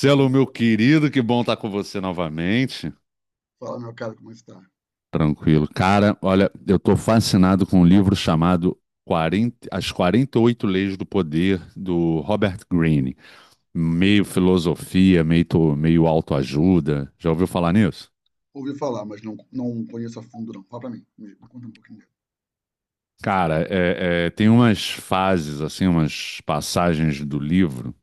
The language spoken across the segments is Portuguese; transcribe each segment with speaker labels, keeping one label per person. Speaker 1: Fala, meu
Speaker 2: meu querido, que bom estar com você novamente.
Speaker 1: fala, meu caro, como está?
Speaker 2: Tranquilo. Cara, olha, eu estou fascinado com um livro chamado 40 As 48 Leis do Poder, do Robert Greene. Meio filosofia, meio autoajuda. Já ouviu falar nisso?
Speaker 1: Ouvi falar, mas não conheço a fundo, não. Fala pra mim, me conta um pouquinho dele.
Speaker 2: Cara, tem umas fases, assim, umas passagens do livro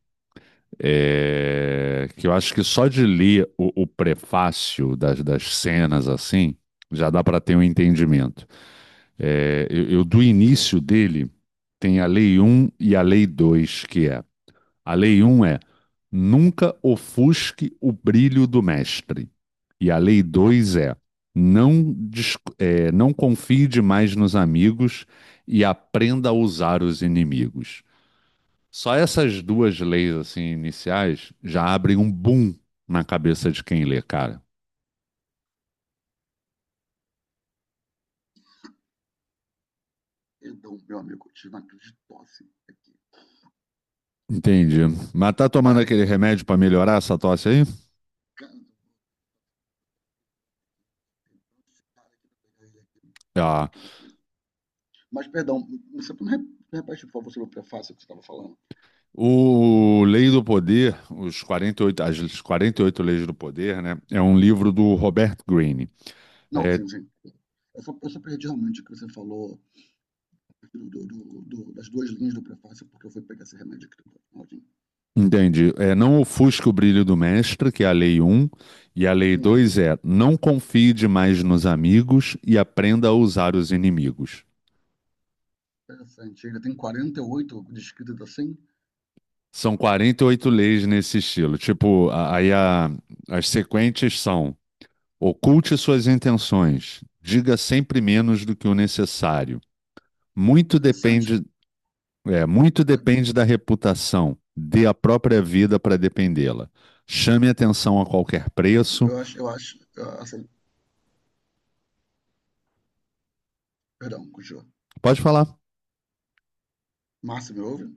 Speaker 2: que eu acho que só de ler o prefácio das cenas, assim, já dá para ter um entendimento. Eu do início dele, tem a Lei um e a Lei 2 que é. A Lei um é nunca ofusque o brilho do mestre. E a Lei 2 é não, não confie demais nos amigos e aprenda a usar os inimigos. Só essas duas leis assim iniciais já abrem um boom na cabeça de quem lê, cara.
Speaker 1: Perdão, meu amigo, eu tive uma crise de tosse aqui.
Speaker 2: Entendi. Mas tá tomando aquele remédio para melhorar essa tosse aí?
Speaker 1: Arrancando, esse cara aqui, pegar ele aqui, perto
Speaker 2: Ah,
Speaker 1: aqui do coelho. Mas, perdão, você não re- repete, por favor, sobre o prefácio que você estava falando?
Speaker 2: o Lei do Poder, os 48, as 48 Leis do Poder, né? É um livro do Robert Greene.
Speaker 1: Não,
Speaker 2: É,
Speaker 1: sim. Eu só perdi realmente o que você falou das duas linhas do prefácio, porque eu fui pegar esse remédio aqui do Claudinho.
Speaker 2: entende? É, não ofusque o brilho do mestre, que é a Lei um e a Lei
Speaker 1: Hum,
Speaker 2: 2 é não confie demais nos amigos e aprenda a usar os inimigos.
Speaker 1: interessante. Ele tem 48 descritas assim?
Speaker 2: São 48 leis nesse estilo. Tipo, as sequentes são: oculte suas intenções, diga sempre menos do que o necessário. Muito
Speaker 1: Interessante.
Speaker 2: depende, muito depende da reputação. Dê a própria vida para dependê-la. Chame atenção a qualquer preço.
Speaker 1: Eu acho, ah, assim, perdão, continua.
Speaker 2: Pode falar.
Speaker 1: Márcio, me ouve?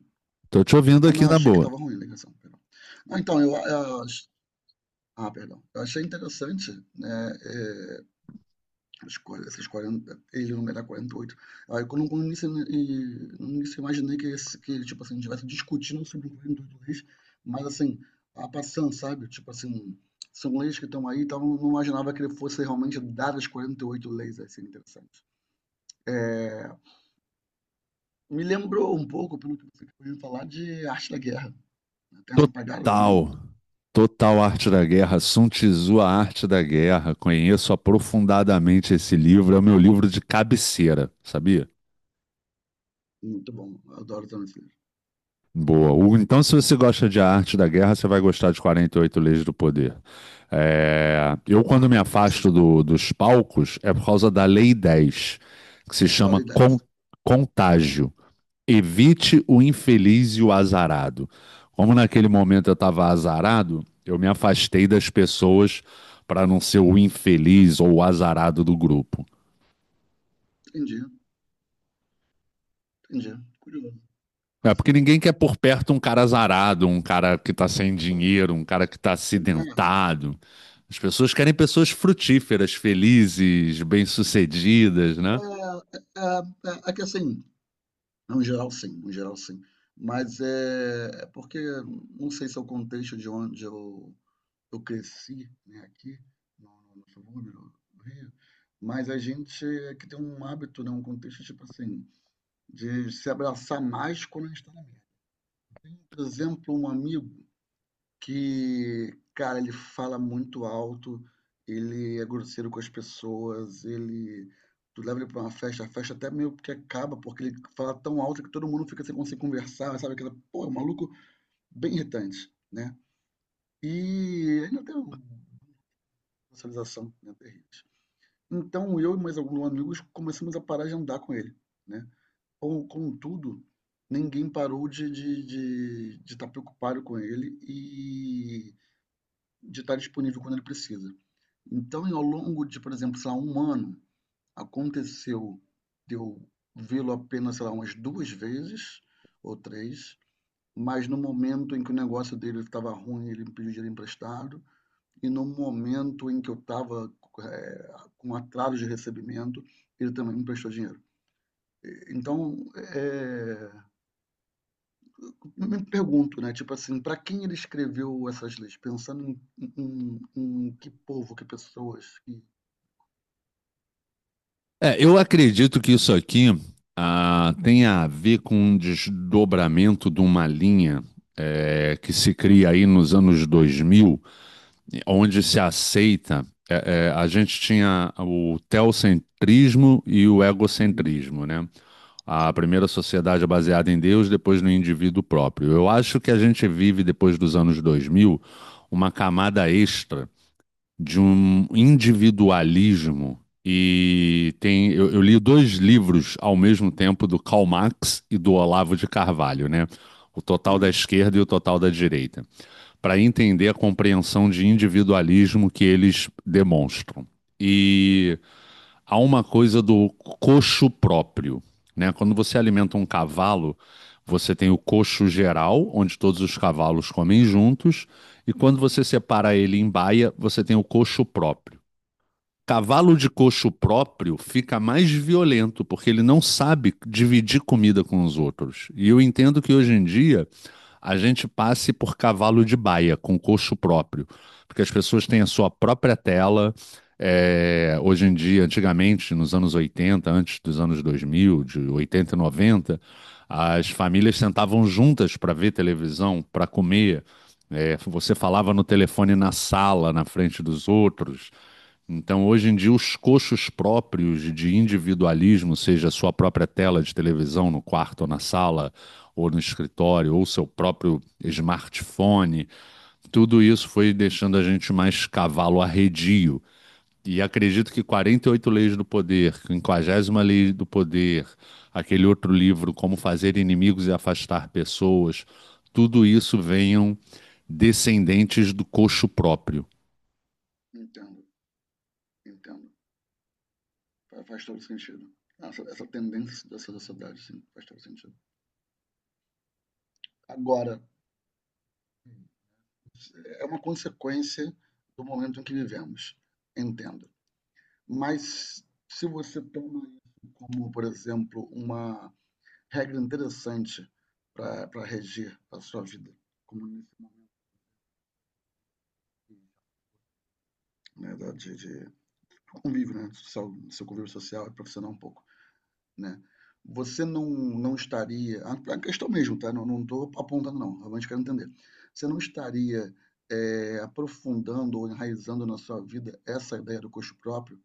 Speaker 2: Tô te ouvindo
Speaker 1: Ah,
Speaker 2: aqui
Speaker 1: não,
Speaker 2: na
Speaker 1: achei que
Speaker 2: boa.
Speaker 1: estava ruim a ligação, perdão. Ah, então, perdão. Eu achei interessante, né, é, esses 40, ele numerar quarenta e oito. Quando no início, no início eu imaginei que, que ele, tipo assim, estivesse discutindo sobre quarenta e oito leis, mas assim, a passando, sabe? Tipo assim, são leis que estão aí, então eu não imaginava que ele fosse realmente dar as 48 leis, assim, interessante. É, me lembrou um pouco, pelo que você acabou de falar, de Arte da Guerra. Tem essa pegada também?
Speaker 2: Total. Total Arte da Guerra, Sun Tzu, A Arte da Guerra. Conheço aprofundadamente esse livro, é o meu livro de cabeceira, sabia?
Speaker 1: Muito bom, eu adoro também esse livro.
Speaker 2: Boa. Hugo, então, se você gosta de A Arte da Guerra, você vai gostar de 48 Leis do Poder. É, eu,
Speaker 1: Ah,
Speaker 2: quando me
Speaker 1: bom, que
Speaker 2: afasto
Speaker 1: pensador.
Speaker 2: dos palcos, é por causa da Lei 10, que se chama
Speaker 1: Qualidades.
Speaker 2: contágio. Evite o infeliz e o azarado. Como naquele momento eu estava azarado, eu me afastei das pessoas para não ser o infeliz ou o azarado do grupo.
Speaker 1: Entendi, entendi. Curioso,
Speaker 2: É porque
Speaker 1: interessante.
Speaker 2: ninguém quer por perto um cara azarado, um cara que tá sem dinheiro, um cara que tá
Speaker 1: É,
Speaker 2: acidentado. As pessoas querem pessoas frutíferas, felizes, bem-sucedidas, né?
Speaker 1: é, é que assim, no geral sim. Mas é porque não sei se é o contexto de eu cresci, né, aqui no subúrbio do Rio, mas a gente é que tem um hábito, né, um contexto tipo assim, de se abraçar mais quando a gente está. Por exemplo, um amigo que, cara, ele fala muito alto, ele é grosseiro com as pessoas, ele. Tu leva ele pra uma festa, a festa até meio que acaba, porque ele fala tão alto que todo mundo fica sem conseguir conversar, sabe? Aquela, pô, é um maluco bem irritante, né? E ainda tem uma socialização, né, terrível. Então eu e mais alguns amigos começamos a parar de andar com ele, né? Com contudo, ninguém parou de estar preocupado com ele e de estar disponível quando ele precisa. Então, e ao longo de, por exemplo, sei lá, 1 ano, aconteceu de eu vê-lo apenas, sei lá, umas 2 vezes ou três, mas no momento em que o negócio dele estava ruim, ele me pediu dinheiro emprestado, e no momento em que eu estava, com atraso de recebimento, ele também me emprestou dinheiro. Então, eu me pergunto, né, tipo assim, para quem ele escreveu essas leis? Pensando em que povo, que pessoas, que...
Speaker 2: Eu acredito que isso aqui tenha a ver com um desdobramento de uma linha que se cria aí nos anos 2000, onde se aceita. A gente tinha o teocentrismo e o
Speaker 1: Uhum,
Speaker 2: egocentrismo, né? A
Speaker 1: sim.
Speaker 2: primeira sociedade é baseada em Deus, depois no indivíduo próprio. Eu acho que a gente vive, depois dos anos dois mil, uma camada extra de um individualismo. E tem, eu li dois livros ao mesmo tempo do Karl Marx e do Olavo de Carvalho, né? O total da
Speaker 1: Uhum,
Speaker 2: esquerda e o total da direita, para entender a compreensão de individualismo que eles demonstram. E
Speaker 1: tá.
Speaker 2: há uma coisa do coxo próprio, né? Quando você alimenta um cavalo, você tem o coxo geral, onde todos os cavalos comem juntos, e quando você
Speaker 1: Uhum,
Speaker 2: separa ele em baia, você tem o coxo próprio. Cavalo de coxo próprio fica mais violento, porque ele não sabe dividir comida com os outros. E eu entendo que hoje em dia a gente passe por cavalo de baia, com coxo próprio, porque as pessoas têm a sua própria tela. Hoje em dia, antigamente, nos anos 80, antes dos anos 2000, de 80 e 90, as famílias sentavam juntas para ver televisão, para comer. É, você falava no telefone na sala, na frente dos outros. Então, hoje em dia, os coxos próprios de individualismo, seja a sua própria tela de televisão no quarto ou na sala, ou no escritório, ou seu próprio smartphone, tudo isso foi deixando a gente mais cavalo arredio. E acredito que 48 Leis do Poder, 50 Lei do Poder, aquele outro livro, Como Fazer Inimigos e Afastar Pessoas, tudo isso venham descendentes do coxo próprio.
Speaker 1: entendo, entendo. Faz todo sentido. Essa tendência dessa sociedade, sim, faz todo sentido. Agora, é uma consequência do momento em que vivemos, entendo. Mas se você toma isso como, por exemplo, uma regra interessante para regir a sua vida, como, né, do convívio, né, social, do seu convívio social e profissional um pouco, né? Você não estaria, a questão mesmo, tá? Não estou apontando não, realmente quero entender. Você não estaria, aprofundando ou enraizando na sua vida essa ideia do custo próprio?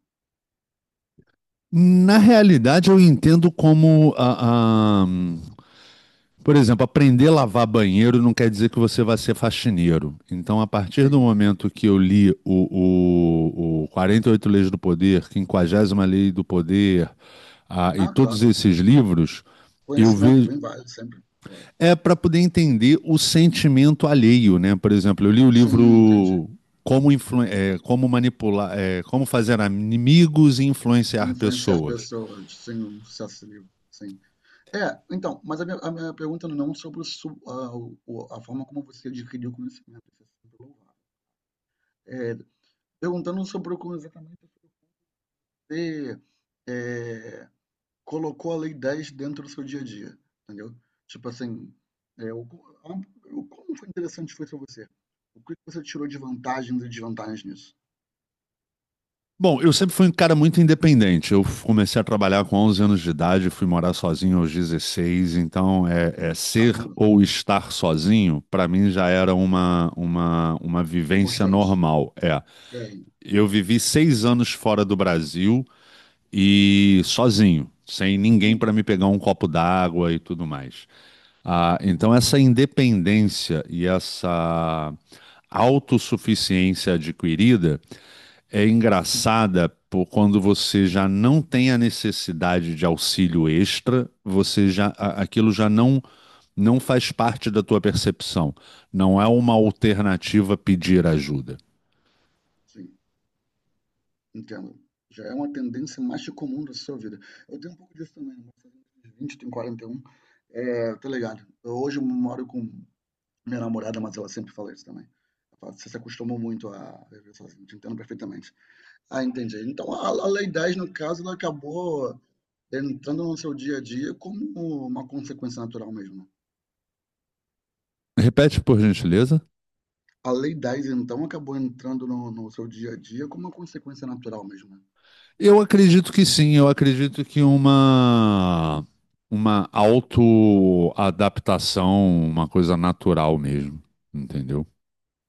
Speaker 2: Na realidade, eu entendo como por exemplo, aprender a lavar banheiro não quer dizer que você vai ser faxineiro. Então, a partir do
Speaker 1: Sim.
Speaker 2: momento que eu li o 48 Leis do Poder, quinquagésima Lei do Poder, ah, e
Speaker 1: Não,
Speaker 2: todos
Speaker 1: claro.
Speaker 2: esses livros, eu
Speaker 1: Conhecimento
Speaker 2: vejo.
Speaker 1: bem válido sempre, claro.
Speaker 2: É para poder entender o sentimento alheio, né? Por exemplo, eu li o
Speaker 1: Sim, entendi.
Speaker 2: livro Como, Influ- eh, Como Manipular, eh, Como Fazer Amigos e Influenciar
Speaker 1: Influenciar
Speaker 2: Pessoas.
Speaker 1: pessoas, sim, um sucesso livre, sim. É, então, mas a minha pergunta não é um sobre o su a o a forma como você adquiriu o conhecimento, isso é sempre louvável. Eh, perguntando sobre como exatamente você, eh, colocou a Lei 10 dentro do seu dia a dia, entendeu? Tipo assim, eh, o co a- o como foi interessante foi para você? O que que você tirou de vantagens e desvantagens nisso?
Speaker 2: Bom, eu sempre fui um cara muito independente. Eu comecei a trabalhar com 11 anos de idade, fui morar sozinho aos 16. Então, é ser
Speaker 1: Caramba,
Speaker 2: ou estar sozinho, para mim já era uma vivência
Speaker 1: constante.
Speaker 2: normal. É,
Speaker 1: É,
Speaker 2: eu vivi 6 anos fora do Brasil e sozinho, sem ninguém para
Speaker 1: uhum,
Speaker 2: me pegar um copo d'água e tudo mais. Ah, então, essa independência e essa autossuficiência adquirida é engraçada por quando você já não tem a necessidade de auxílio extra, você já aquilo já não faz parte da tua percepção. Não é uma alternativa pedir ajuda.
Speaker 1: sim. Entendo. Já é uma tendência mais que comum da sua vida. Eu tenho um pouco disso também, né. Mas fazendo uns 20, tenho 41, tá ligado. Eu moro com minha namorada, mas ela sempre fala isso também. Ela fala: "Você se acostumou muito a viver sozinho", te entendo perfeitamente. Ah, entendi. Então a Lei 10, no caso, ela acabou entrando no seu dia a dia como uma consequência natural mesmo, né.
Speaker 2: Repete, por gentileza.
Speaker 1: A Lei 10, então, acabou entrando no seu dia a dia como uma consequência natural mesmo, né.
Speaker 2: Eu acredito que sim, eu acredito que uma autoadaptação, uma coisa natural mesmo, entendeu?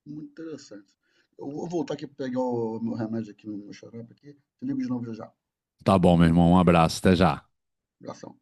Speaker 1: Muito interessante. Eu vou voltar aqui para pegar o meu remédio aqui, no meu xarope aqui. Te ligo de novo já já.
Speaker 2: Tá bom, meu irmão, um abraço, até já.
Speaker 1: Abração.